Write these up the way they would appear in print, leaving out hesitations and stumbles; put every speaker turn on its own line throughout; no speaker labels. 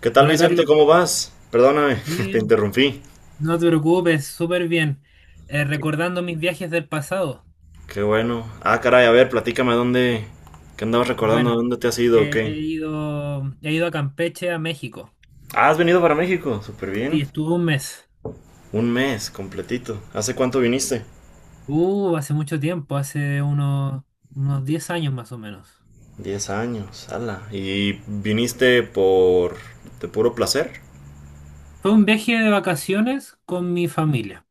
¿Qué tal,
Hola
Vicente? ¿Cómo
Carlos,
vas? Perdóname, te
bien,
interrumpí.
no te preocupes, súper bien.
Qué,
Recordando mis viajes del pasado.
qué bueno. Ah, caray, a ver, platícame dónde. ¿Qué andabas recordando?
Bueno,
¿Dónde te has ido o qué?
he ido a Campeche, a México.
Ah, has venido para México. Súper
Sí,
bien.
estuve un mes.
Un mes completito. ¿Hace cuánto viniste?
Hace mucho tiempo, unos 10 años más o menos.
10 años, ala. ¿Y viniste por. De puro placer?
Fue un viaje de vacaciones con mi familia.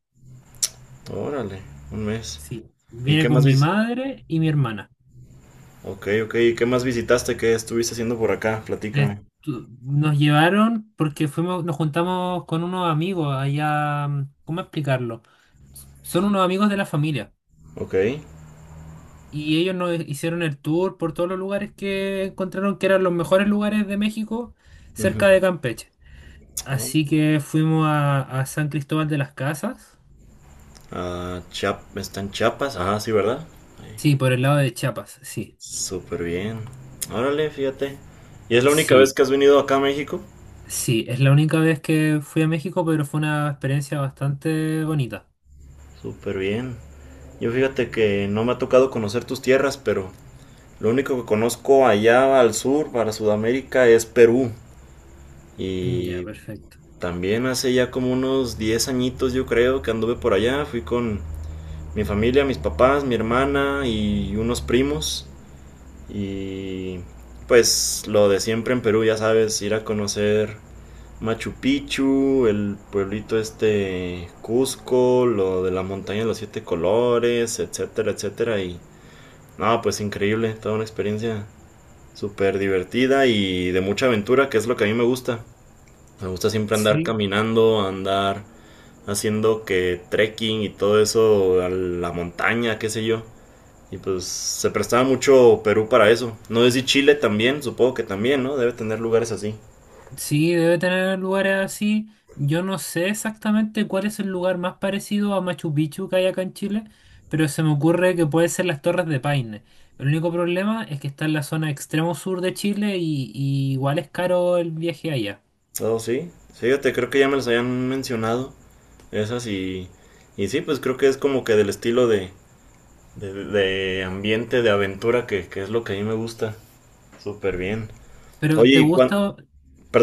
Órale, un mes.
Sí,
¿Y
vine
qué más
con mi
vis...
madre y mi hermana.
Ok, ok. ¿Y qué más visitaste? ¿Qué estuviste haciendo por acá? Platícame.
Estu- Nos llevaron porque fuimos, nos juntamos con unos amigos allá, ¿cómo explicarlo? Son unos amigos de la familia.
Ok.
Y ellos nos hicieron el tour por todos los lugares que encontraron que eran los mejores lugares de México cerca
Ujú.
de Campeche. Así que fuimos a San Cristóbal de las Casas.
Ah, ¿Está en Chiapas? Ah, sí, ¿verdad?
Sí, por el lado de Chiapas, sí.
Súper bien. Órale, fíjate. ¿Y es la única vez
Sí,
que has venido acá a México?
sí. Es la única vez que fui a México, pero fue una experiencia bastante bonita.
Súper bien. Yo fíjate que no me ha tocado conocer tus tierras, pero lo único que conozco allá al sur, para Sudamérica, es Perú.
Ya,
Y
perfecto.
también hace ya como unos 10 añitos yo creo que anduve por allá. Fui con mi familia, mis papás, mi hermana y unos primos. Y pues lo de siempre en Perú, ya sabes, ir a conocer Machu Picchu, el pueblito este Cusco, lo de la montaña de los siete colores, etcétera, etcétera. Y no, pues increíble, toda una experiencia súper divertida y de mucha aventura, que es lo que a mí me gusta. Me gusta siempre andar
Sí.
caminando, andar haciendo que trekking y todo eso, a la montaña, qué sé yo. Y pues se prestaba mucho Perú para eso. No sé si Chile también, supongo que también, ¿no? Debe tener lugares así.
Sí, debe tener lugares así. Yo no sé exactamente cuál es el lugar más parecido a Machu Picchu que hay acá en Chile, pero se me ocurre que puede ser las Torres de Paine. El único problema es que está en la zona extremo sur de Chile y igual es caro el viaje allá.
Oh, sí. Sí, fíjate, creo que ya me los habían mencionado. Esas y, y sí, pues creo que es como que del estilo de ambiente, de aventura, que es lo que a mí me gusta. Súper bien.
Pero,
Oye,
¿te gusta,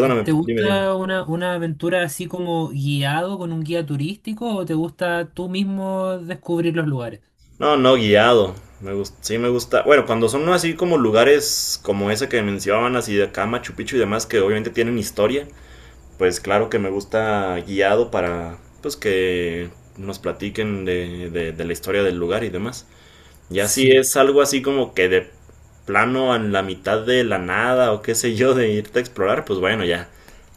eh, te
dime, dime.
gusta una aventura así como guiado con un guía turístico o te gusta tú mismo descubrir los lugares?
No, no, guiado. Me gusta, sí me gusta. Bueno, cuando son así como lugares como ese que mencionaban, así de acá, Machu Picchu y demás, que obviamente tienen historia, pues claro que me gusta guiado para, pues que nos platiquen de la historia del lugar y demás. Ya si
Sí,
es algo así como que de plano en la mitad de la nada o qué sé yo de irte a explorar, pues bueno, ya,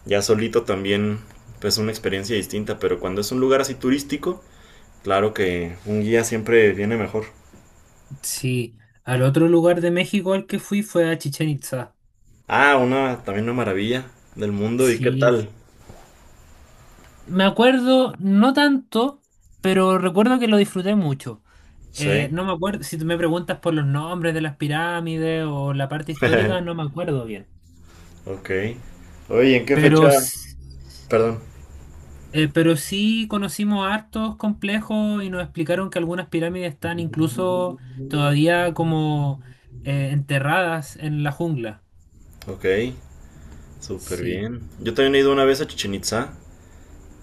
ya solito también pues una experiencia distinta, pero cuando es un lugar así turístico, claro que un guía siempre viene mejor.
sí. Al otro lugar de México al que fui fue a Chichén Itzá.
Ah, una también una maravilla del mundo y qué
Sí.
tal.
Me acuerdo, no tanto, pero recuerdo que lo disfruté mucho.
Sí.
No me acuerdo, si tú me preguntas por los nombres de las pirámides o la parte histórica, no me acuerdo bien.
Ok. Oye, ¿En qué fecha?
Pero, s-
Perdón.
pero sí conocimos hartos complejos y nos explicaron que algunas pirámides están incluso todavía como enterradas en la jungla.
Ok, súper
Sí,
bien. Yo también he ido una vez a Chichen Itzá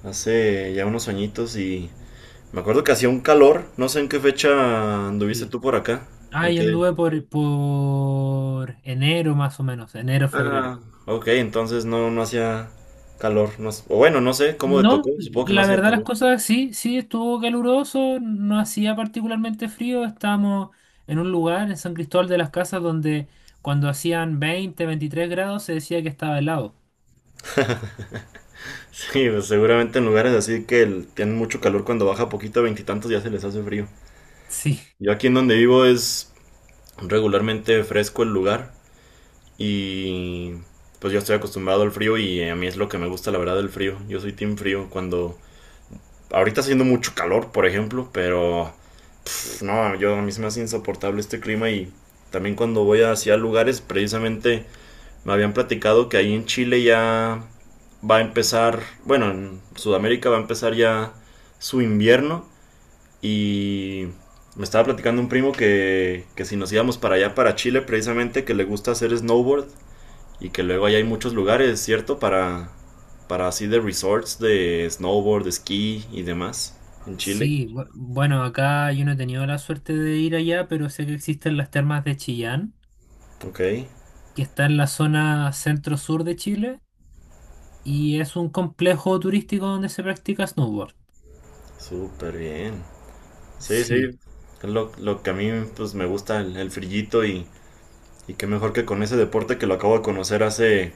hace ya unos añitos y me acuerdo que hacía un calor, no sé en qué fecha anduviste
sí.
tú por acá.
Ah,
¿En
yo
qué?
anduve por enero más o menos, enero, febrero.
Ah, ok, entonces no, no hacía calor. No, o bueno, no sé cómo te tocó,
No,
supongo que no
la
hacía
verdad las
calor.
cosas sí, sí estuvo caluroso, no hacía particularmente frío, estábamos en un lugar en San Cristóbal de las Casas donde cuando hacían 20 23 grados se decía que estaba helado.
Sí, pues, seguramente en lugares así que tienen mucho calor cuando baja poquito a veintitantos ya se les hace frío.
Sí,
Yo aquí en donde vivo es regularmente fresco el lugar y pues yo estoy acostumbrado al frío y a mí es lo que me gusta la verdad el frío. Yo soy team frío cuando ahorita está haciendo mucho calor, por ejemplo, pero pues no, yo a mí se me hace insoportable este clima y también cuando voy hacia lugares, precisamente me habían platicado que ahí en Chile ya va a empezar, bueno, en Sudamérica va a empezar ya su invierno y me estaba platicando un primo que si nos íbamos para allá, para Chile, precisamente que le gusta hacer snowboard y que luego allá hay muchos lugares, ¿cierto? Para así de resorts de snowboard, de esquí y demás en Chile.
sí, bueno, acá yo no he tenido la suerte de ir allá, pero sé que existen las termas de Chillán,
Ok,
que está en la zona centro-sur de Chile y es un complejo turístico donde se practica snowboard.
súper bien. Sí, sí,
Sí,
es lo que a mí pues me gusta el frillito y qué mejor que con ese deporte que lo acabo de conocer hace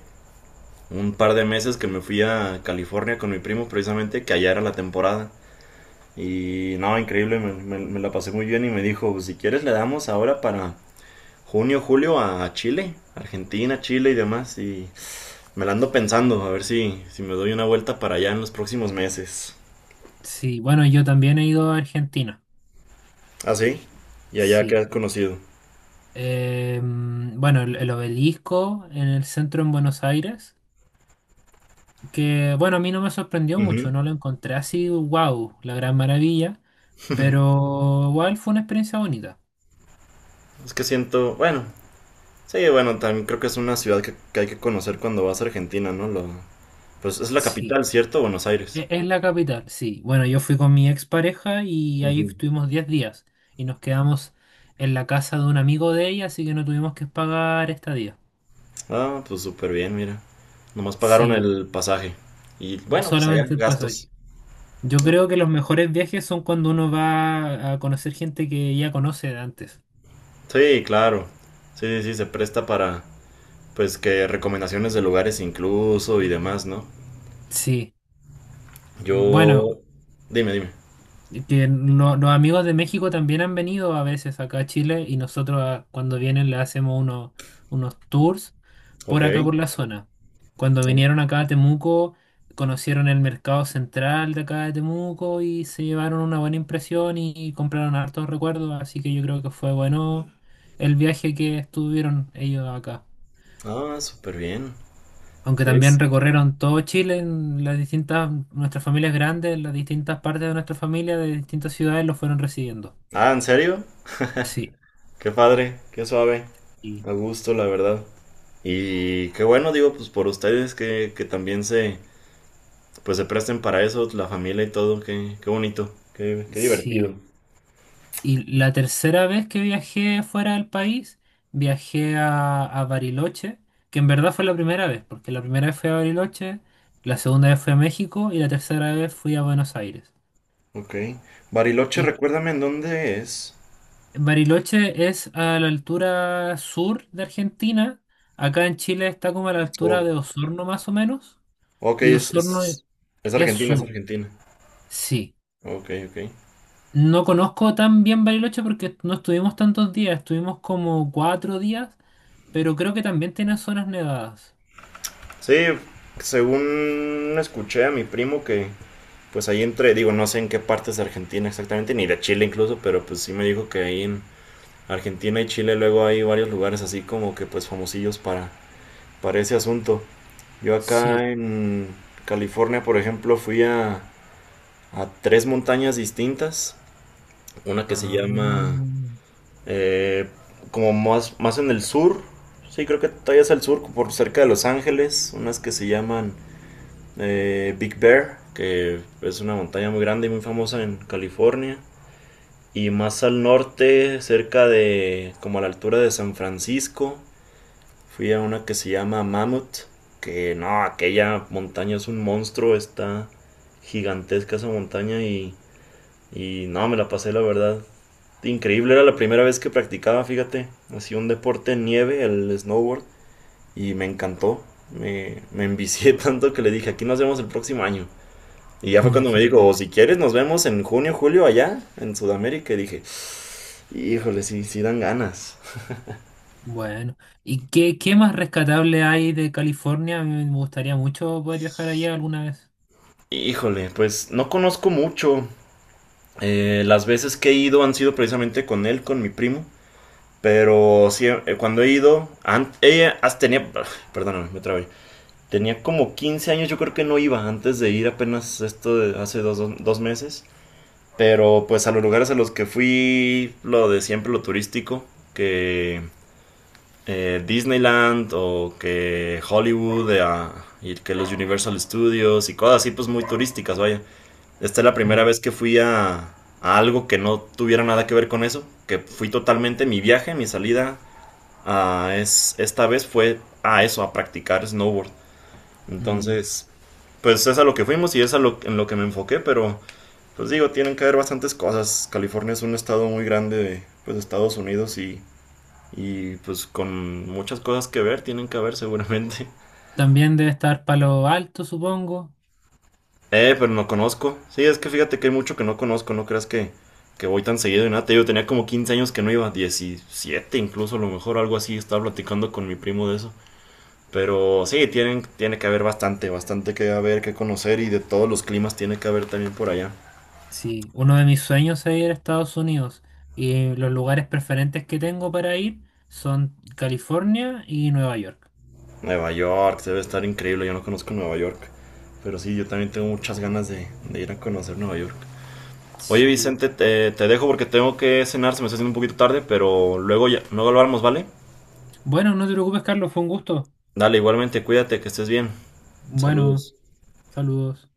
un par de meses que me fui a California con mi primo precisamente, que allá era la temporada. Y no, increíble, me la pasé muy bien y me dijo, si quieres le damos ahora para junio, julio a Chile, Argentina, Chile y demás. Y me la ando pensando, a ver si me doy una vuelta para allá en los próximos meses.
sí, bueno, yo también he ido a Argentina.
¿Ah, sí? Y allá que
Sí.
has conocido.
Bueno, el obelisco en el centro en Buenos Aires, que bueno, a mí no me sorprendió
Ujú.
mucho, no lo encontré así, wow, la gran maravilla, pero igual fue una experiencia bonita.
Es que siento, bueno, sí, bueno, también creo que es una ciudad que hay que conocer cuando vas a Argentina, ¿no? Pues es la
Sí,
capital, ¿cierto? Buenos Aires.
es la capital, sí. Bueno, yo fui con mi expareja y ahí
Ujú.
estuvimos 10 días y nos quedamos en la casa de un amigo de ella, así que no tuvimos que pagar estadía.
Ah, pues súper bien, mira. Nomás pagaron
Sí,
el pasaje. Y bueno, pues allá,
solamente el pasaje.
gastos.
Yo
¿No?
creo que los mejores viajes son cuando uno va a conocer gente que ya conoce de antes.
Sí, claro. Sí, sí, sí, se presta para, pues, que recomendaciones de lugares incluso y demás, ¿no?
Sí,
Yo...
bueno,
Dime, dime.
que no- los amigos de México también han venido a veces acá a Chile y nosotros ah, cuando vienen le hacemos unos tours
Ok.
por acá por la zona. Cuando vinieron acá a Temuco, conocieron el mercado central de acá de Temuco y se llevaron una buena impresión y compraron hartos recuerdos, así que yo creo que fue bueno el viaje que estuvieron ellos acá.
Ah, súper bien.
Aunque también
Sí.
recorrieron todo Chile, en las distintas, nuestras familias grandes, las distintas partes de nuestra familia, de distintas ciudades, los fueron recibiendo.
Ah, ¿en serio?
Sí,
Qué padre, qué suave.
y
A gusto, la verdad. Y qué bueno, digo, pues por ustedes que también se presten para eso, la familia y todo, qué bonito, qué divertido.
sí. Y la tercera vez que viajé fuera del país, viajé a Bariloche, que en verdad fue la primera vez, porque la primera vez fui a Bariloche, la segunda vez fui a México y la tercera vez fui a Buenos Aires.
Ok. Bariloche,
Y
recuérdame en dónde es.
Bariloche es a la altura sur de Argentina. Acá en Chile está como a la altura
Oh,
de Osorno más o menos.
ok,
Y
es,
Osorno
es, es
es
Argentina, es
sur,
Argentina.
sí.
Ok, ok.
No conozco tan bien Bariloche porque no estuvimos tantos días, estuvimos como 4 días, pero creo que también tiene zonas nevadas.
Sí, según escuché a mi primo que, pues ahí entre, digo, no sé en qué partes de Argentina exactamente, ni de Chile incluso, pero pues sí me dijo que ahí en Argentina y Chile luego hay varios lugares así como que pues famosillos para ese asunto. Yo
Sí.
acá en California, por ejemplo, fui a tres montañas distintas. Una que se llama
Ah,
eh, como más, más en el sur. Sí, creo que todavía es al sur, por cerca de Los Ángeles. Unas que se llaman Big Bear, que es una montaña muy grande y muy famosa en California. Y más al norte, cerca de como a la altura de San Francisco. Fui a una que se llama Mammoth, que no, aquella montaña es un monstruo, está gigantesca esa montaña y no, me la pasé la verdad. Increíble, era la primera vez que practicaba, fíjate, hacía un deporte en nieve, el snowboard, y me encantó. Me envicié tanto que le dije, aquí nos vemos el próximo año. Y ya fue cuando me
genial.
dijo, si quieres nos vemos en junio, julio allá, en Sudamérica. Y dije, híjole, sí, sí dan ganas.
Bueno, ¿y qué, qué más rescatable hay de California? A mí me gustaría mucho poder viajar allá alguna vez.
Híjole, pues no conozco mucho. Las veces que he ido han sido precisamente con él, con mi primo. Pero sí, cuando he ido, ella hasta tenía, perdóname, me trabé. Tenía como 15 años, yo creo que no iba antes de ir apenas esto de hace dos meses. Pero pues a los lugares a los que fui, lo de siempre, lo turístico, que Disneyland o que Hollywood y que los Universal Studios y cosas así, pues muy turísticas, vaya. Esta es la primera
Mm,
vez que fui a algo que no tuviera nada que ver con eso, que fui totalmente mi viaje, mi salida esta vez fue a eso, a practicar snowboard.
mm.
Entonces, pues es a lo que fuimos y es en lo que me enfoqué, pero pues digo, tienen que haber bastantes cosas. California es un estado muy grande de pues, Estados Unidos y pues con muchas cosas que ver, tienen que haber seguramente.
También debe estar Palo Alto, supongo.
Pero no conozco. Sí, es que fíjate que hay mucho que no conozco, no creas que voy tan seguido y nada. Te digo, tenía como 15 años que no iba, 17, incluso, a lo mejor algo así, estaba platicando con mi primo de eso. Pero sí, tienen, tiene que haber bastante, bastante que haber, que conocer y de todos los climas tiene que haber también por allá.
Sí, uno de mis sueños es ir a Estados Unidos y los lugares preferentes que tengo para ir son California y Nueva York.
Nueva York, debe estar increíble, yo no conozco Nueva York. Pero sí, yo también tengo muchas ganas de ir a conocer Nueva York. Oye
Sí.
Vicente, te dejo porque tengo que cenar, se me está haciendo un poquito tarde, pero luego ya, luego hablamos, ¿vale?
Bueno, no te preocupes, Carlos, fue un gusto.
Dale, igualmente, cuídate, que estés bien.
Bueno,
Saludos.
saludos.